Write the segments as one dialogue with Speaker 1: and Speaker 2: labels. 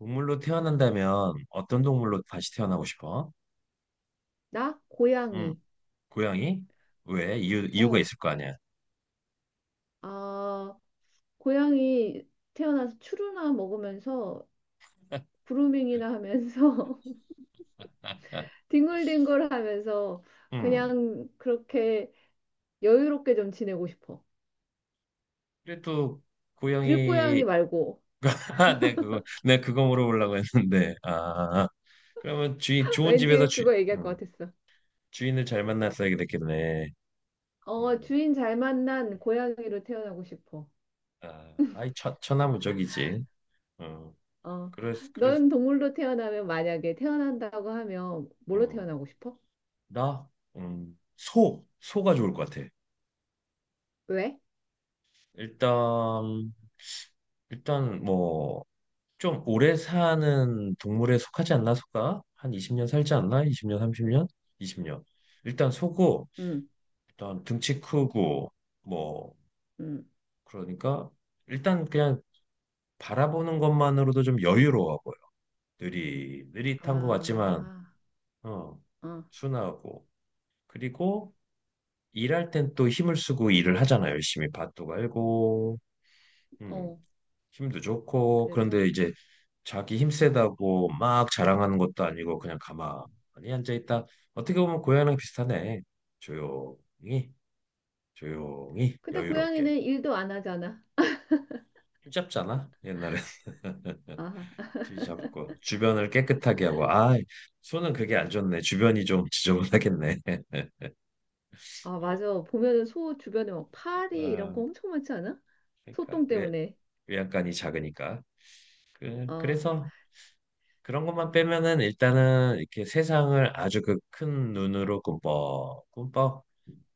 Speaker 1: 동물로 태어난다면 어떤 동물로 다시 태어나고 싶어?
Speaker 2: 나?
Speaker 1: 응,
Speaker 2: 고양이.
Speaker 1: 고양이? 왜? 이유가
Speaker 2: 어,
Speaker 1: 있을 거 아니야.
Speaker 2: 아, 고양이 태어나서 추루나 먹으면서 그루밍이나 하면서 뒹굴뒹굴 하면서
Speaker 1: 응.
Speaker 2: 그냥 그렇게 여유롭게 좀 지내고 싶어.
Speaker 1: 그래도 고양이.
Speaker 2: 들고양이 말고.
Speaker 1: 내 그거 물어보려고 했는데 아, 그러면 주인 좋은 집에서
Speaker 2: 왠지
Speaker 1: 주,
Speaker 2: 그거 얘기할 것
Speaker 1: 음,
Speaker 2: 같았어.
Speaker 1: 주인을 잘 만났어야 됐겠네.
Speaker 2: 어,
Speaker 1: 음,
Speaker 2: 주인 잘 만난 고양이로 태어나고 싶어.
Speaker 1: 천하무적이지. 어,
Speaker 2: 어,
Speaker 1: 그래서
Speaker 2: 넌 동물로 태어나면 만약에 태어난다고 하면 뭘로
Speaker 1: 어,
Speaker 2: 태어나고 싶어?
Speaker 1: 나, 소 소가 좋을 것 같아.
Speaker 2: 왜?
Speaker 1: 일단, 일단 뭐, 좀 오래 사는 동물에 속하지 않나 소가? 한 20년 살지 않나? 20년, 30년? 20년. 일단 소고,
Speaker 2: 응,
Speaker 1: 일단 등치 크고 뭐,
Speaker 2: 응.
Speaker 1: 그러니까 일단 그냥 바라보는 것만으로도 좀 여유로워 보여. 느리 느릿한 것 같지만
Speaker 2: 아,
Speaker 1: 어,
Speaker 2: 어,
Speaker 1: 순하고, 그리고 일할 땐 또 힘을 쓰고 일을 하잖아. 열심히 밭도 갈고, 음,
Speaker 2: 어.
Speaker 1: 힘도 좋고. 그런데
Speaker 2: 그래서
Speaker 1: 이제 자기 힘 세다고 막 자랑하는 것도 아니고 그냥 가만히 앉아 있다. 어떻게 보면 고양이랑 비슷하네. 조용히, 조용히
Speaker 2: 근데
Speaker 1: 여유롭게.
Speaker 2: 고양이는 일도 안 하잖아.
Speaker 1: 힘 잡잖아. 옛날에
Speaker 2: 아,
Speaker 1: 쥐 잡고 주변을 깨끗하게 하고. 아, 손은 그게 안 좋네. 주변이 좀 지저분하겠네.
Speaker 2: 아, 맞아. 보면은 소 주변에 막 파리 이런 거
Speaker 1: 어,
Speaker 2: 엄청 많지 않아?
Speaker 1: 그러니까
Speaker 2: 소똥
Speaker 1: 왜
Speaker 2: 때문에.
Speaker 1: 외양간이 작으니까 그
Speaker 2: 어.
Speaker 1: 그래서 그런 것만 빼면은 일단은 이렇게 세상을 아주 그 큰 눈으로 꿈뻑 꿈뻑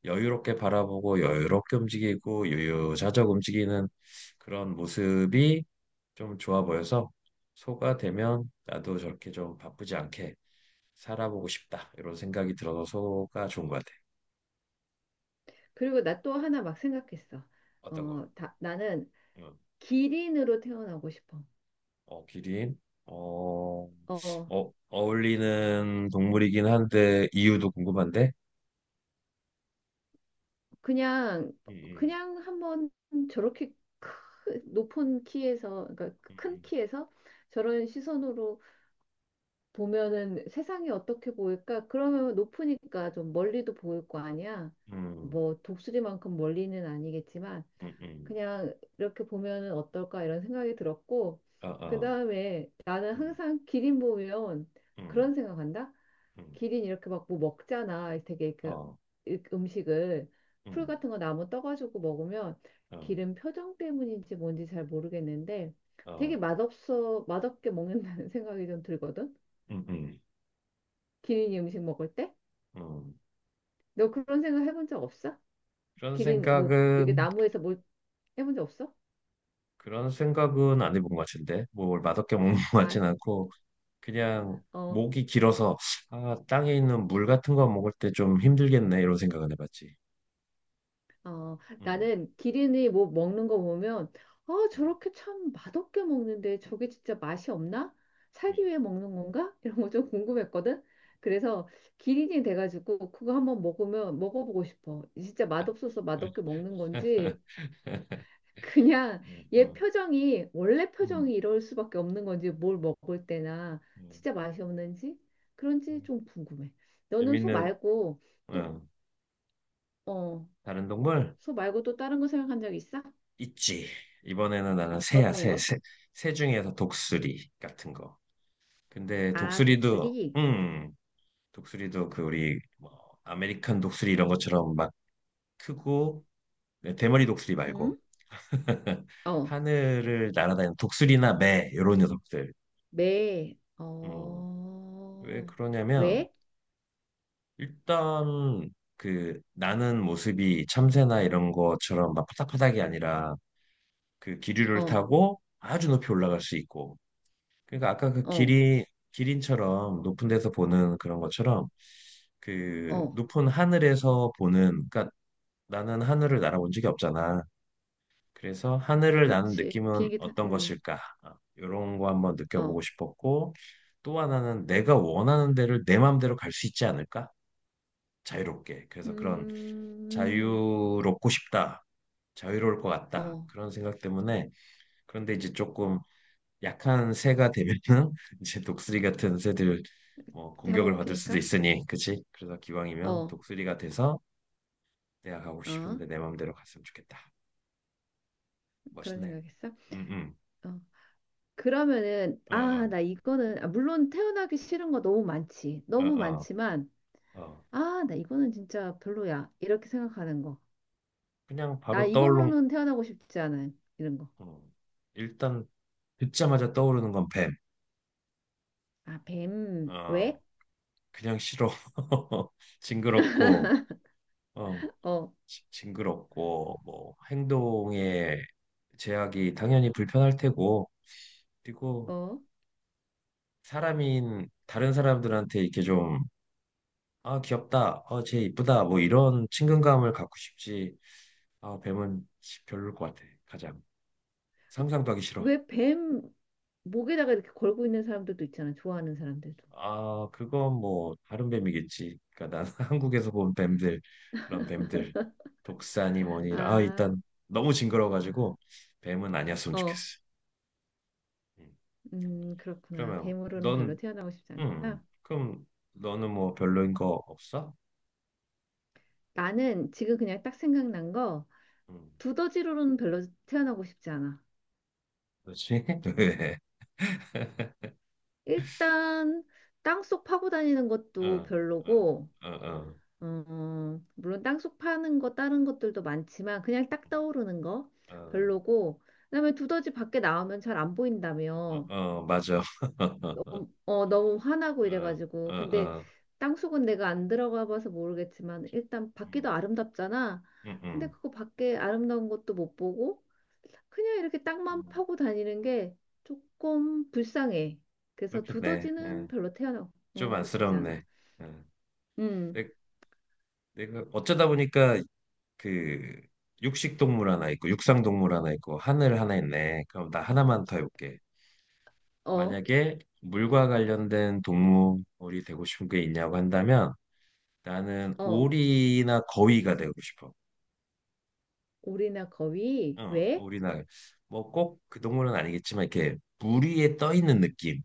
Speaker 1: 여유롭게 바라보고 여유롭게 움직이고 유유자적 움직이는 그런 모습이 좀 좋아 보여서, 소가 되면 나도 저렇게 좀 바쁘지 않게 살아보고 싶다, 이런 생각이 들어서 소가 좋은 것 같아.
Speaker 2: 그리고 나 또 하나 막 생각했어.
Speaker 1: 어떤 거?
Speaker 2: 어, 다, 나는
Speaker 1: 응.
Speaker 2: 기린으로 태어나고 싶어.
Speaker 1: 어, 기린. 어,
Speaker 2: 어,
Speaker 1: 어, 어울리는 동물이긴 한데 이유도 궁금한데.
Speaker 2: 그냥,
Speaker 1: 음,
Speaker 2: 그냥 한번 저렇게 높은 키에서, 그러니까 큰
Speaker 1: 음,
Speaker 2: 키에서 저런 시선으로 보면은 세상이 어떻게 보일까? 그러면 높으니까 좀 멀리도 보일 거 아니야?
Speaker 1: 음,
Speaker 2: 뭐 독수리만큼 멀리는 아니겠지만
Speaker 1: 음, 음,
Speaker 2: 그냥 이렇게 보면은 어떨까 이런 생각이 들었고
Speaker 1: 어, 어,
Speaker 2: 그다음에 나는
Speaker 1: 음,
Speaker 2: 항상 기린 보면
Speaker 1: 음,
Speaker 2: 그런 생각한다.
Speaker 1: 음,
Speaker 2: 기린 이렇게 막 뭐 먹잖아. 되게 그
Speaker 1: 어,
Speaker 2: 음식을 풀
Speaker 1: 음,
Speaker 2: 같은 거 나무 떠가지고 먹으면
Speaker 1: 어,
Speaker 2: 기린 표정 때문인지 뭔지 잘 모르겠는데 되게
Speaker 1: 어.
Speaker 2: 맛없어 맛없게 먹는다는 생각이 좀 들거든.
Speaker 1: 음, 음.
Speaker 2: 기린이 음식 먹을 때?
Speaker 1: 음,
Speaker 2: 너 그런 생각 해본 적 없어?
Speaker 1: 그런
Speaker 2: 기린 뭐 이게
Speaker 1: 생각은
Speaker 2: 나무에서 뭘 해본 적 없어?
Speaker 1: 그런 생각은 안 해본 것 같은데, 뭐, 뭘 맛없게 먹는 것 같진
Speaker 2: 아,
Speaker 1: 않고. 그냥
Speaker 2: 어,
Speaker 1: 목이 길어서 아, 땅에 있는 물 같은 거 먹을 때 좀 힘들겠네, 이런 생각은 해봤지.
Speaker 2: 어,
Speaker 1: 음,
Speaker 2: 나는 기린이 뭐 먹는 거 보면 아,
Speaker 1: 음,
Speaker 2: 저렇게 참 맛없게 먹는데 저게 진짜 맛이 없나? 살기 위해 먹는 건가? 이런 거 좀 궁금했거든. 그래서 기린이 돼가지고 그거 한번 먹으면 먹어보고 싶어. 진짜 맛없어서
Speaker 1: 음.
Speaker 2: 맛없게 먹는 건지 그냥 얘
Speaker 1: 음,
Speaker 2: 표정이 원래
Speaker 1: 음, 음,
Speaker 2: 표정이 이럴 수밖에 없는 건지 뭘 먹을 때나 진짜 맛이 없는지 그런지
Speaker 1: 음.
Speaker 2: 좀 궁금해. 너는 소
Speaker 1: 재밌는,
Speaker 2: 말고 또,
Speaker 1: 어,
Speaker 2: 어,
Speaker 1: 다른 동물
Speaker 2: 소 말고 또 다른 거 생각한 적 있어?
Speaker 1: 있지. 이번에는 나는 새야.
Speaker 2: 어떤 거?
Speaker 1: 새 중에서 독수리 같은 거. 근데
Speaker 2: 아,
Speaker 1: 독수리도,
Speaker 2: 독수리?
Speaker 1: 음, 독수리도 그 우리 뭐 아메리칸 독수리 이런 것처럼 막 크고, 네, 대머리 독수리 말고
Speaker 2: 응? 어,
Speaker 1: 하늘을 날아다니는 독수리나 매 이런 녀석들.
Speaker 2: 매,
Speaker 1: 음, 왜
Speaker 2: 어,
Speaker 1: 그러냐면
Speaker 2: 왜?
Speaker 1: 일단 그 나는 모습이 참새나 이런 것처럼 막 파닥파닥이 아니라 그 기류를
Speaker 2: 어,
Speaker 1: 타고 아주 높이 올라갈 수 있고, 그러니까 아까 그
Speaker 2: 어,
Speaker 1: 기린, 기린처럼 높은 데서 보는 그런 것처럼 그
Speaker 2: 어,
Speaker 1: 높은 하늘에서 보는. 그러니까 나는 하늘을 날아본 적이 없잖아. 그래서 하늘을 나는
Speaker 2: 그치.
Speaker 1: 느낌은 어떤
Speaker 2: 응,
Speaker 1: 것일까? 이런 거 한번
Speaker 2: 어,
Speaker 1: 느껴보고 싶었고, 또 하나는 내가 원하는 데를 내 마음대로 갈 수 있지 않을까? 자유롭게. 그래서 그런
Speaker 2: 음,
Speaker 1: 자유롭고 싶다. 자유로울 것 같다.
Speaker 2: 어,
Speaker 1: 그런 생각 때문에. 그런데 이제 조금 약한 새가 되면은 이제 독수리 같은 새들 뭐 공격을 받을 수도
Speaker 2: 잡아먹히니까?
Speaker 1: 있으니, 그치? 그래서 기왕이면
Speaker 2: 어,
Speaker 1: 독수리가 돼서 내가 가고
Speaker 2: 어,
Speaker 1: 싶은데 내 마음대로 갔으면 좋겠다.
Speaker 2: 그런
Speaker 1: 멋있네.
Speaker 2: 생각했어?
Speaker 1: 응응,
Speaker 2: 어, 그러면은 아,
Speaker 1: 어,
Speaker 2: 나 이거는 아, 물론 태어나기 싫은 거 너무 많지.
Speaker 1: 어,
Speaker 2: 너무
Speaker 1: 어,
Speaker 2: 많지만
Speaker 1: 어. 어.
Speaker 2: 아, 나 이거는 진짜 별로야. 이렇게 생각하는 거.
Speaker 1: 그냥
Speaker 2: 나
Speaker 1: 바로 떠올른,
Speaker 2: 이거로는 태어나고 싶지 않은 이런 거.
Speaker 1: 어. 일단 듣자마자 떠오르는 건 뱀.
Speaker 2: 아, 뱀.
Speaker 1: 어,
Speaker 2: 왜?
Speaker 1: 그냥 싫어. 징그럽고, 어,
Speaker 2: 어,
Speaker 1: 징그럽고, 뭐, 행동에 제약이 당연히 불편할 테고, 그리고
Speaker 2: 어.
Speaker 1: 사람인 다른 사람들한테 이렇게 좀, 아, 귀엽다, 어, 쟤 이쁘다, 뭐 이런 친근감을 갖고 싶지. 아, 뱀은 별로일 것 같아. 가장. 상상도 하기 싫어.
Speaker 2: 왜 뱀 목에다가 이렇게 걸고 있는 사람들도 있잖아. 좋아하는 사람들도.
Speaker 1: 아, 그건 뭐 다른 뱀이겠지. 그러니까 난 한국에서 본 뱀들, 그런 뱀들, 독사니 뭐니. 아,
Speaker 2: 아,
Speaker 1: 일단 너무
Speaker 2: 아,
Speaker 1: 징그러워가지고 뱀은 아니었으면
Speaker 2: 어.
Speaker 1: 좋겠어. 음.
Speaker 2: 그렇구나.
Speaker 1: 그러면
Speaker 2: 뱀으로는 별로
Speaker 1: 넌,
Speaker 2: 태어나고 싶지 않구나.
Speaker 1: 그럼 너는 뭐 별로인 거 없어?
Speaker 2: 나는 지금 그냥 딱 생각난 거
Speaker 1: 음,
Speaker 2: 두더지로는 별로 태어나고 싶지 않아.
Speaker 1: 그렇지? 왜?
Speaker 2: 일단 땅속 파고 다니는 것도
Speaker 1: 어, 어,
Speaker 2: 별로고,
Speaker 1: 어, 어,
Speaker 2: 어, 물론 땅속 파는 거 다른 것들도 많지만 그냥 딱 떠오르는 거
Speaker 1: 어,
Speaker 2: 별로고, 그다음에 두더지 밖에 나오면 잘 안
Speaker 1: 어,
Speaker 2: 보인다며,
Speaker 1: 어, 맞아.
Speaker 2: 어, 너무 화나고
Speaker 1: 어, 어,
Speaker 2: 이래가지고, 근데
Speaker 1: 어,
Speaker 2: 땅속은 내가 안 들어가 봐서 모르겠지만 일단 밖이도
Speaker 1: 음,
Speaker 2: 아름답잖아.
Speaker 1: 음,
Speaker 2: 근데
Speaker 1: 음.
Speaker 2: 그거 밖에 아름다운 것도 못 보고. 그냥 이렇게 땅만
Speaker 1: 음,
Speaker 2: 파고 다니는 게 조금 불쌍해. 그래서
Speaker 1: 그렇겠네.
Speaker 2: 두더지는 별로
Speaker 1: 좀
Speaker 2: 태어나고 싶지 않아.
Speaker 1: 안쓰럽네. 음.
Speaker 2: 음,
Speaker 1: 네, 내가 어쩌다 보니까 그 육식 동물 하나 있고 육상 동물 하나 있고 하늘 하나 있네. 그럼 나 하나만 더 해볼게.
Speaker 2: 어,
Speaker 1: 만약에 물과 관련된 동물이 되고 싶은 게 있냐고 한다면 나는
Speaker 2: 어,
Speaker 1: 오리나 거위가 되고 싶어.
Speaker 2: 오리나 거위,
Speaker 1: 어,
Speaker 2: 왜?
Speaker 1: 오리나 뭐 꼭 그 동물은 아니겠지만 이렇게 물 위에 떠 있는 느낌.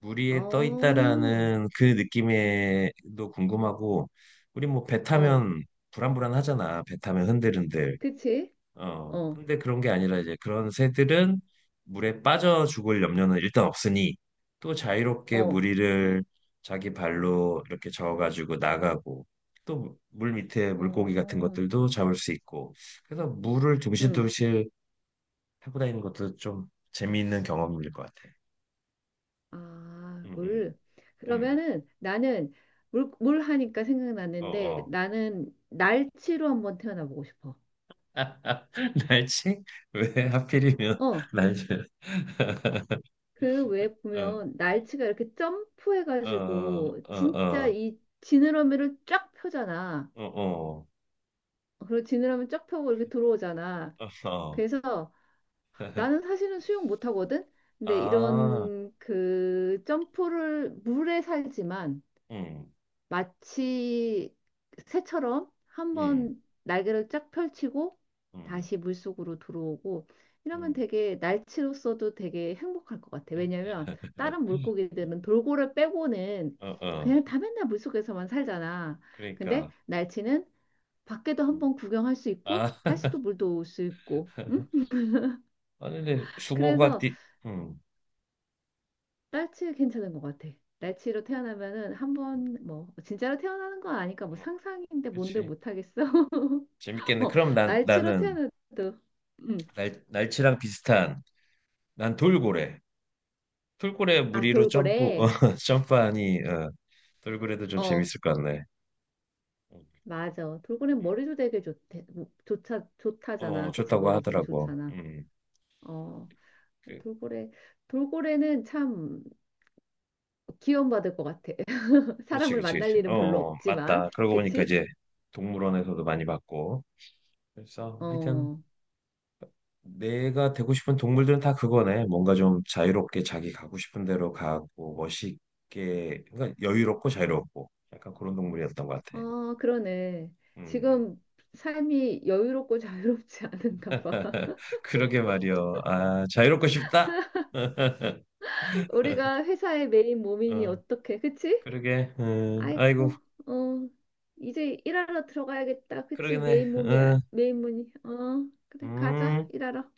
Speaker 1: 물 위에 떠
Speaker 2: 어,
Speaker 1: 있다라는 그 느낌에도 궁금하고, 우리 뭐 배
Speaker 2: 어,
Speaker 1: 타면 불안불안하잖아. 배 타면 흔들흔들.
Speaker 2: 그치?
Speaker 1: 어,
Speaker 2: 어,
Speaker 1: 근데 그런 게 아니라 이제 그런 새들은 물에 빠져 죽을 염려는 일단 없으니 또 자유롭게
Speaker 2: 어,
Speaker 1: 무리를 자기 발로 이렇게 저어가지고 나가고, 또 물 밑에 물고기 같은
Speaker 2: 어,
Speaker 1: 것들도 잡을 수 있고. 그래서 물을
Speaker 2: 음,
Speaker 1: 둥실둥실 타고 다니는 것도 좀 재미있는 경험일 것 같아.
Speaker 2: 아,
Speaker 1: 응, 응,
Speaker 2: 물.
Speaker 1: 응.
Speaker 2: 그러면은 나는 물, 물 하니까
Speaker 1: 어,
Speaker 2: 생각났는데
Speaker 1: 어.
Speaker 2: 나는 날치로 한번 태어나보고 싶어.
Speaker 1: 날치? 왜 하필이면
Speaker 2: 어,
Speaker 1: 날치?
Speaker 2: 그 외에
Speaker 1: 어,
Speaker 2: 보면 날치가 이렇게
Speaker 1: 어, 어,
Speaker 2: 점프해가지고 진짜
Speaker 1: 어,
Speaker 2: 이 지느러미를 쫙 펴잖아.
Speaker 1: 어, 어, 어.
Speaker 2: 그리고 지느러미 쫙 펴고 이렇게 들어오잖아.
Speaker 1: 어.
Speaker 2: 그래서 나는 사실은 수영 못하거든. 근데
Speaker 1: 아,
Speaker 2: 이런 그 점프를 물에 살지만
Speaker 1: 음,
Speaker 2: 마치 새처럼
Speaker 1: 음,
Speaker 2: 한번 날개를 쫙 펼치고
Speaker 1: 음,
Speaker 2: 다시 물속으로 들어오고 이러면
Speaker 1: 음.
Speaker 2: 되게 날치로서도 되게 행복할 것 같아. 왜냐면 다른 물고기들은 돌고래 빼고는
Speaker 1: 어, 어,
Speaker 2: 그냥 다 맨날 물속에서만 살잖아. 근데
Speaker 1: 그러니까.
Speaker 2: 날치는 밖에도
Speaker 1: 음.
Speaker 2: 한번 구경할 수 있고
Speaker 1: 아,
Speaker 2: 다시 또 물도 올 수 있고. 응?
Speaker 1: 아, 근데 숭어가
Speaker 2: 그래서
Speaker 1: 띠, 음,
Speaker 2: 날치 괜찮은 것 같아. 날치로 태어나면은 한번 뭐 진짜로 태어나는 건 아니까 뭐
Speaker 1: 어,
Speaker 2: 상상인데 뭔들
Speaker 1: 그렇지.
Speaker 2: 못하겠어.
Speaker 1: 재밌겠네.
Speaker 2: 어,
Speaker 1: 그럼 난
Speaker 2: 날치로
Speaker 1: 나는
Speaker 2: 태어나도. 응.
Speaker 1: 날 날치랑 비슷한 난 돌고래. 돌고래
Speaker 2: 아,
Speaker 1: 무리로 점프,
Speaker 2: 돌고래.
Speaker 1: 어, 점프하니 어, 돌고래도 좀
Speaker 2: 어,
Speaker 1: 재밌을 것 같네. 음,
Speaker 2: 맞아. 돌고래
Speaker 1: 음.
Speaker 2: 머리도 되게 좋대. 좋다,
Speaker 1: 어,
Speaker 2: 좋다잖아. 그치?
Speaker 1: 좋다고
Speaker 2: 머리 되게
Speaker 1: 하더라고.
Speaker 2: 좋잖아. 어,
Speaker 1: 그,
Speaker 2: 돌고래. 돌고래는 참 기원받을 것 같아.
Speaker 1: 그렇지,
Speaker 2: 사람을
Speaker 1: 그렇지,
Speaker 2: 만날
Speaker 1: 그렇지. 어,
Speaker 2: 일은 별로
Speaker 1: 어,
Speaker 2: 없지만.
Speaker 1: 맞다. 그러고 보니까
Speaker 2: 그치?
Speaker 1: 이제 동물원에서도 많이 봤고. 그래서 하여튼.
Speaker 2: 어,
Speaker 1: 내가 되고 싶은 동물들은 다 그거네. 뭔가 좀 자유롭게 자기 가고 싶은 대로 가고 멋있게, 그러니까 여유롭고 자유롭고 약간 그런 동물이었던 것 같아.
Speaker 2: 아, 그러네.
Speaker 1: 음,
Speaker 2: 지금 삶이 여유롭고 자유롭지 않은가 봐.
Speaker 1: 그러게 말이여. 아, 자유롭고 싶다.
Speaker 2: 우리가 회사의 메인 몸이니
Speaker 1: 어,
Speaker 2: 어떻게, 그치?
Speaker 1: 그러게. 아이고,
Speaker 2: 아이고, 어, 이제 일하러 들어가야겠다. 그치?
Speaker 1: 그러겠네.
Speaker 2: 메인 몸이, 야
Speaker 1: 어,
Speaker 2: 메인 문이. 어, 그래, 가자,
Speaker 1: 음.
Speaker 2: 일하러.